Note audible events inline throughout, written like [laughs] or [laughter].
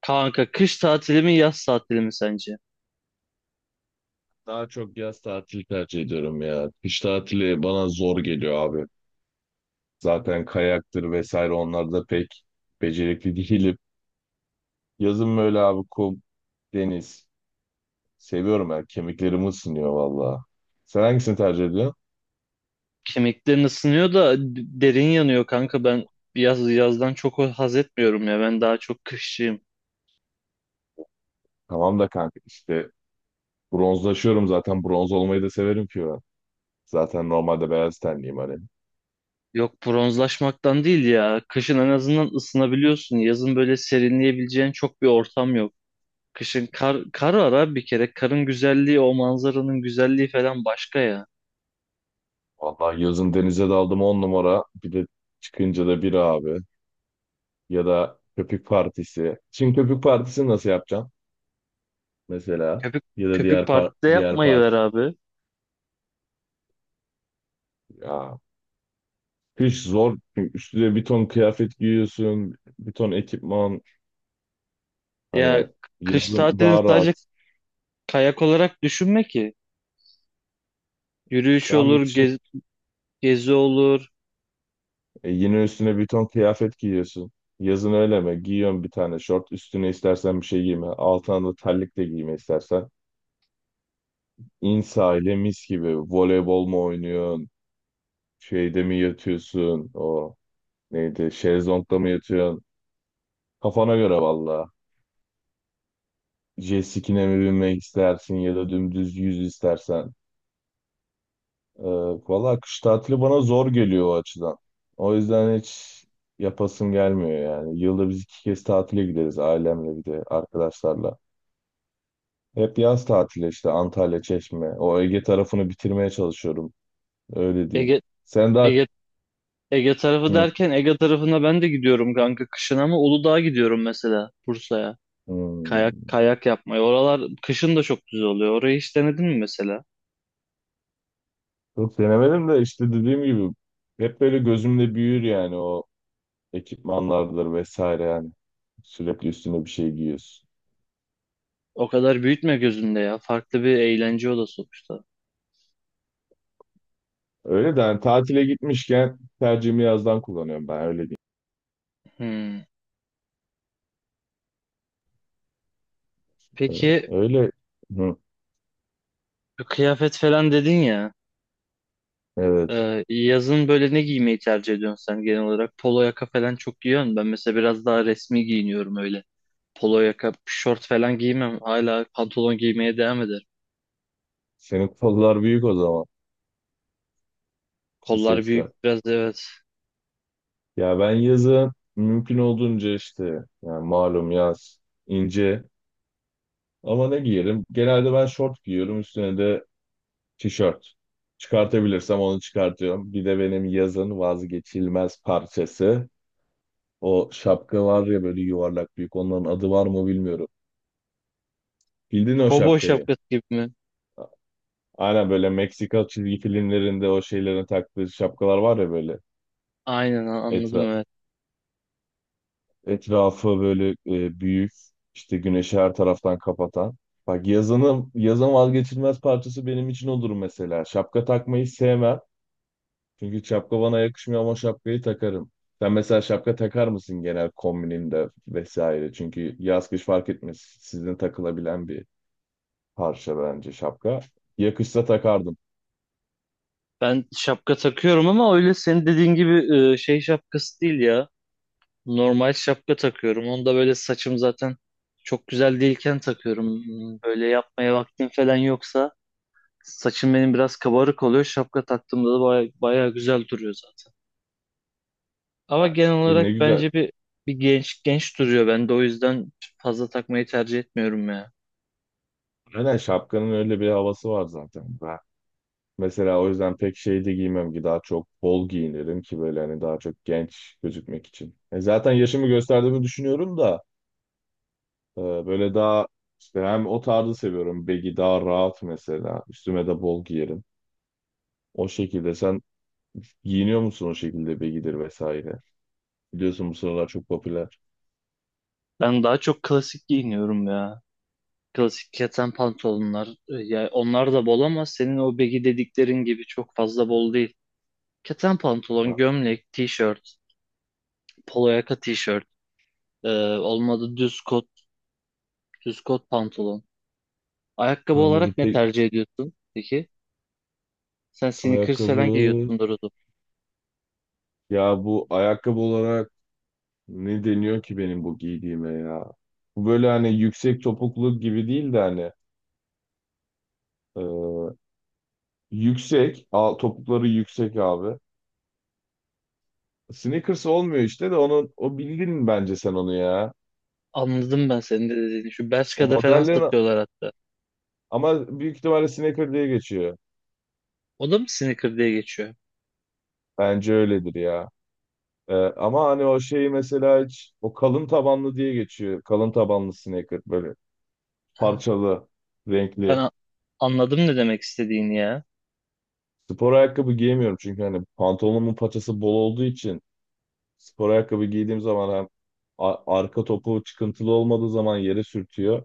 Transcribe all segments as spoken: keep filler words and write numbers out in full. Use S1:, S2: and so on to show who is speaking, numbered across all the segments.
S1: Kanka kış tatili mi yaz tatili mi sence?
S2: Daha çok yaz tatili tercih ediyorum ya. Kış tatili bana zor geliyor abi. Zaten kayaktır vesaire onlar da pek becerikli değilim. Yazın böyle abi kum, deniz. Seviyorum ben. Kemiklerim ısınıyor valla. Sen hangisini tercih ediyorsun?
S1: Kemiklerin ısınıyor da derin yanıyor kanka ben yaz yazdan çok haz etmiyorum ya, ben daha çok kışçıyım.
S2: Tamam da kanka işte bronzlaşıyorum zaten. Bronz olmayı da severim ki ben. Zaten normalde beyaz tenliyim hani.
S1: Yok, bronzlaşmaktan değil ya. Kışın en azından ısınabiliyorsun. Yazın böyle serinleyebileceğin çok bir ortam yok. Kışın kar, kar var abi bir kere. Karın güzelliği, o manzaranın güzelliği falan başka ya.
S2: Vallahi yazın denize daldım on numara. Bir de çıkınca da bir abi. Ya da köpük partisi. Şimdi köpük partisini nasıl yapacağım? mesela?
S1: Köpük,
S2: Ya da
S1: köpük
S2: diğer par
S1: partide
S2: diğer
S1: yapmayı
S2: parti.
S1: ver abi.
S2: Ya kış zor. Çünkü Üstüne bir ton kıyafet giyiyorsun. Bir ton ekipman.
S1: Ya
S2: Hani
S1: kış
S2: yazın
S1: tatilini
S2: daha
S1: sadece
S2: rahat.
S1: kayak olarak düşünme ki. Yürüyüş olur,
S2: Tam düşün.
S1: gez, gezi olur.
S2: E, yine üstüne bir ton kıyafet giyiyorsun. Yazın öyle mi? Giyiyorsun bir tane şort. Üstüne istersen bir şey giyme. Altına da terlik de giyme istersen. İn sahile mis gibi. Voleybol mu oynuyorsun? Şeyde mi yatıyorsun? O neydi? Şezlongda mı yatıyorsun? Kafana göre valla. Jet ski'ne mi binmek istersin ya da dümdüz yüz istersen. Ee, Valla kış tatili bana zor geliyor o açıdan. O yüzden hiç yapasım gelmiyor yani. Yılda biz iki kez tatile gideriz ailemle bir de arkadaşlarla. Hep yaz tatili işte Antalya, Çeşme. O Ege tarafını bitirmeye çalışıyorum. Öyle diyeyim.
S1: Ege
S2: Sen daha...
S1: Ege Ege tarafı
S2: Hı,
S1: derken Ege tarafına ben de gidiyorum kanka kışın, ama Uludağ'a gidiyorum mesela, Bursa'ya.
S2: hı.
S1: Kayak kayak yapmaya. Oralar kışın da çok güzel oluyor. Orayı hiç denedin mi mesela?
S2: Çok denemedim de işte dediğim gibi hep böyle gözümde büyür yani o ekipmanlardır vesaire yani. Sürekli üstüne bir şey giyiyorsun.
S1: O kadar büyütme gözünde ya. Farklı bir eğlence o da sonuçta.
S2: Öyle de yani tatile gitmişken tercihimi yazdan kullanıyorum ben öyle.
S1: Hmm.
S2: Ee,
S1: Peki,
S2: Öyle. Hı,
S1: kıyafet falan dedin ya.
S2: evet.
S1: Ee, yazın böyle ne giymeyi tercih ediyorsun sen genel olarak? Polo yaka falan çok giyiyorsun. Ben mesela biraz daha resmi giyiniyorum öyle. Polo yaka, şort falan giymem. Hala pantolon giymeye devam ederim.
S2: Senin kollar büyük o zaman.
S1: Kollar
S2: Bisepsler.
S1: büyük biraz, evet.
S2: Ya ben yazın mümkün olduğunca işte yani malum yaz ince ama ne giyerim? Genelde ben şort giyiyorum üstüne de tişört. Çıkartabilirsem onu çıkartıyorum. Bir de benim yazın vazgeçilmez parçası. O şapka var ya böyle yuvarlak büyük. Onların adı var mı bilmiyorum. Bildin
S1: Şu
S2: o
S1: kovboy
S2: şapkayı.
S1: şapkası gibi mi?
S2: Aynen böyle Meksika çizgi filmlerinde o şeylerin taktığı şapkalar var ya böyle.
S1: Aynen, a- anladım,
S2: Etra
S1: evet.
S2: Etrafı böyle e, büyük, işte güneşi her taraftan kapatan. Bak yazının yazın vazgeçilmez parçası benim için odur mesela. Şapka takmayı sevmem. Çünkü şapka bana yakışmıyor ama şapkayı takarım. Sen mesela şapka takar mısın genel kombininde vesaire? Çünkü yaz kış fark etmez. Sizin takılabilen bir parça bence şapka. Yakışsa takardım.
S1: Ben şapka takıyorum ama öyle senin dediğin gibi e, şey şapkası değil ya. Normal şapka takıyorum. Onu da böyle saçım zaten çok güzel değilken takıyorum. Hmm. Böyle yapmaya vaktim falan yoksa saçım benim biraz kabarık oluyor. Şapka taktığımda da baya, baya güzel duruyor zaten. Ama
S2: Ya
S1: genel
S2: işte ne
S1: olarak
S2: güzel.
S1: bence bir bir genç genç duruyor. Ben de o yüzden fazla takmayı tercih etmiyorum ya.
S2: Aynen şapkanın öyle bir havası var zaten. Mesela o yüzden pek şey de giymem ki daha çok bol giyinirim ki böyle hani daha çok genç gözükmek için. E zaten yaşımı gösterdiğimi düşünüyorum da e, böyle daha işte hem o tarzı seviyorum. Baggy daha rahat mesela. Üstüme de bol giyerim. O şekilde sen giyiniyor musun o şekilde baggy'dir vesaire. Biliyorsun bu sıralar çok popüler.
S1: Ben daha çok klasik giyiniyorum ya. Klasik keten pantolonlar. e, Yani onlar da bol ama senin o begi dediklerin gibi çok fazla bol değil. Keten pantolon,
S2: A-
S1: gömlek, tişört, polo yaka tişört, e, olmadı düz kot, düz kot pantolon. Ayakkabı
S2: Anladım.
S1: olarak ne
S2: Peki
S1: tercih ediyorsun peki? Sen sneakers falan
S2: ayakkabı.
S1: giyiyorsundur o zaman.
S2: Ya bu ayakkabı olarak ne deniyor ki benim bu giydiğime ya? Bu böyle hani yüksek topuklu gibi değil de hani ee, Yüksek. Al, topukları yüksek abi. Sneakers olmuyor işte de onu o bildin bence sen onu ya.
S1: Anladım ben senin de dediğini. Şu
S2: O
S1: Bershka'da falan
S2: modellerin
S1: satıyorlar hatta.
S2: ama büyük ihtimalle sneaker diye geçiyor.
S1: O da mı sneaker diye geçiyor?
S2: Bence öyledir ya. Ee, ama hani o şeyi mesela hiç o kalın tabanlı diye geçiyor. Kalın tabanlı sneaker böyle
S1: Ha,
S2: parçalı,
S1: ben
S2: renkli.
S1: a- anladım ne demek istediğini ya.
S2: Spor ayakkabı giyemiyorum çünkü hani pantolonumun paçası bol olduğu için spor ayakkabı giydiğim zaman hem a- arka topu çıkıntılı olmadığı zaman yere sürtüyor.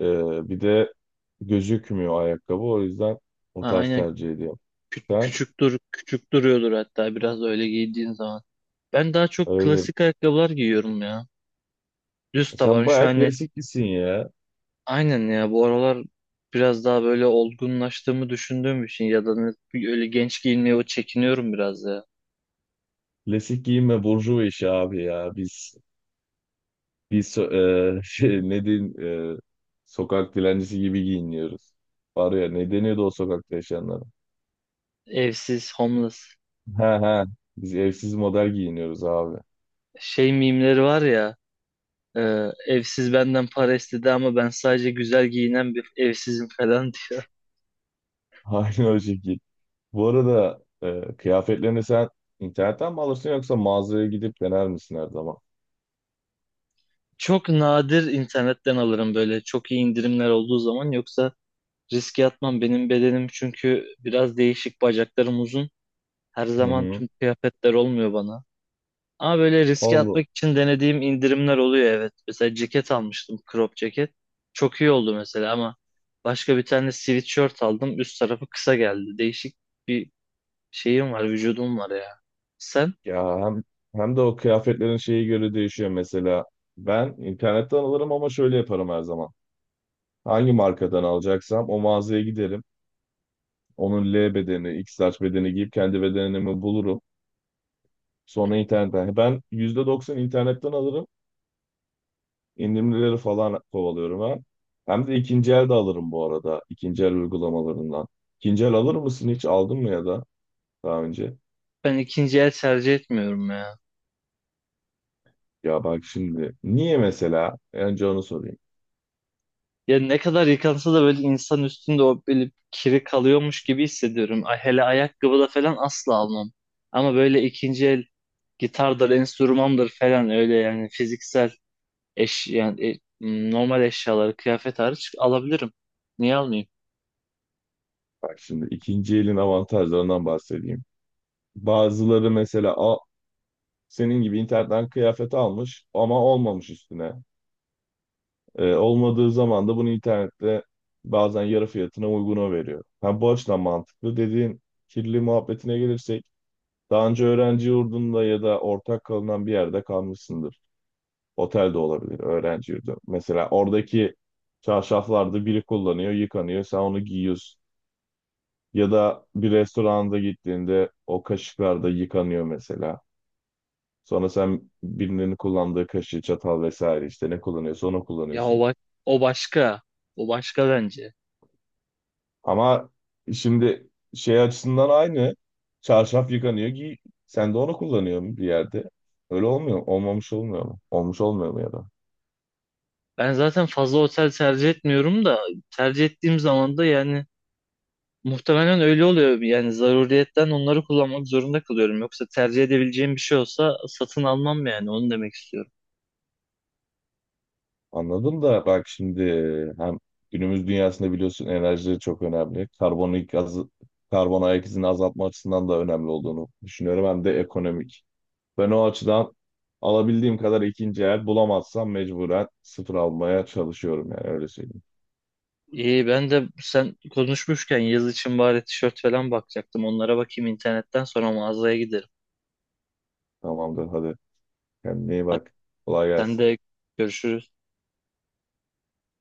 S2: Ee, bir de gözükmüyor ayakkabı. O yüzden
S1: Ha,
S2: o tarz
S1: aynen.
S2: tercih ediyorum.
S1: Kü-
S2: Sen
S1: küçük dur küçük duruyordur hatta biraz öyle giydiğin zaman. Ben daha çok
S2: öyle.
S1: klasik ayakkabılar giyiyorum ya. Düz taban
S2: Sen
S1: şu
S2: bayağı
S1: hani,
S2: klasiklisin ya.
S1: aynen ya, bu aralar biraz daha böyle olgunlaştığımı düşündüğüm için ya da ne- öyle genç giyinmeye o çekiniyorum biraz ya.
S2: Klasik giyinme burjuva işi abi ya. Biz biz so- e, [laughs] şey, ne diyeyim, e, sokak dilencisi gibi giyiniyoruz. Var ya ne deniyordu o sokakta yaşayanlara?
S1: Evsiz, homeless
S2: He he. Biz evsiz model giyiniyoruz abi.
S1: şey mimleri var ya, e, evsiz benden para istedi ama ben sadece güzel giyinen bir evsizim falan [laughs] diyor.
S2: [laughs] Aynı o şekil. Bu arada e, kıyafetlerini sen internetten mi alırsın yoksa mağazaya gidip dener misin her zaman?
S1: Çok nadir internetten alırım, böyle çok iyi indirimler olduğu zaman, yoksa riske atmam. Benim bedenim çünkü biraz değişik, bacaklarım uzun. Her
S2: Hı
S1: zaman
S2: hı.
S1: tüm kıyafetler olmuyor bana. Ama böyle riske
S2: Allah.
S1: atmak için denediğim indirimler oluyor, evet. Mesela ceket almıştım, crop ceket. Çok iyi oldu mesela, ama başka bir tane sweatshirt aldım. Üst tarafı kısa geldi. Değişik bir şeyim var, vücudum var ya. Sen?
S2: Ya hem, hem de o kıyafetlerin şeyi göre değişiyor mesela. Ben internetten alırım ama şöyle yaparım her zaman. Hangi markadan alacaksam o mağazaya giderim. Onun L bedeni, X large bedeni giyip kendi bedenimi bulurum. Sonra internetten. hani Ben yüzde doksan internetten alırım. İndirimleri falan kovalıyorum ha. Hem de ikinci el de alırım bu arada. İkinci el uygulamalarından. İkinci el alır mısın hiç? Aldın mı ya da daha önce?
S1: Ben ikinci el tercih etmiyorum ya.
S2: Ya bak şimdi. Niye mesela? Önce onu sorayım.
S1: Ya ne kadar yıkansa da böyle insan üstünde o böyle kiri kalıyormuş gibi hissediyorum. Ay, hele ayakkabı da falan asla almam. Ama böyle ikinci el gitardır, enstrümandır falan, öyle yani fiziksel Eş, yani e, normal eşyaları kıyafet hariç alabilirim. Niye almayayım?
S2: Bak şimdi ikinci elin avantajlarından bahsedeyim. Bazıları mesela a, senin gibi internetten kıyafet almış ama olmamış üstüne. Ee, olmadığı zaman da bunu internette bazen yarı fiyatına uyguna veriyor. Ha, bu açıdan mantıklı. Dediğin kirli muhabbetine gelirsek daha önce öğrenci yurdunda ya da ortak kalınan bir yerde kalmışsındır. Otel de olabilir, öğrenci yurdu. Mesela oradaki çarşaflarda biri kullanıyor, yıkanıyor. Sen onu giyiyorsun. Ya da bir restoranda gittiğinde o kaşıklar da yıkanıyor mesela. Sonra sen birinin kullandığı kaşığı, çatal vesaire işte ne kullanıyorsa onu
S1: Ya o,
S2: kullanıyorsun.
S1: ba- o başka. O başka bence.
S2: Ama şimdi şey açısından aynı. Çarşaf yıkanıyor ki sen de onu kullanıyorsun bir yerde. Öyle olmuyor. mu? Olmamış olmuyor mu? Olmuş olmuyor mu ya da?
S1: Ben zaten fazla otel tercih etmiyorum da tercih ettiğim zaman da yani muhtemelen öyle oluyor. Yani zaruriyetten onları kullanmak zorunda kalıyorum. Yoksa tercih edebileceğim bir şey olsa satın almam, yani onu demek istiyorum.
S2: Anladım da bak şimdi hem günümüz dünyasında biliyorsun enerji çok önemli. Karbonik gazı, karbon ayak izini azaltma açısından da önemli olduğunu düşünüyorum. Hem de ekonomik. Ben o açıdan alabildiğim kadar ikinci el bulamazsam mecburen sıfır almaya çalışıyorum yani öyle söyleyeyim.
S1: İyi, ben de sen konuşmuşken yaz için bari tişört falan bakacaktım. Onlara bakayım internetten, sonra mağazaya giderim.
S2: Tamamdır hadi kendine iyi
S1: Hadi
S2: bak. Kolay
S1: sen
S2: gelsin.
S1: de, görüşürüz.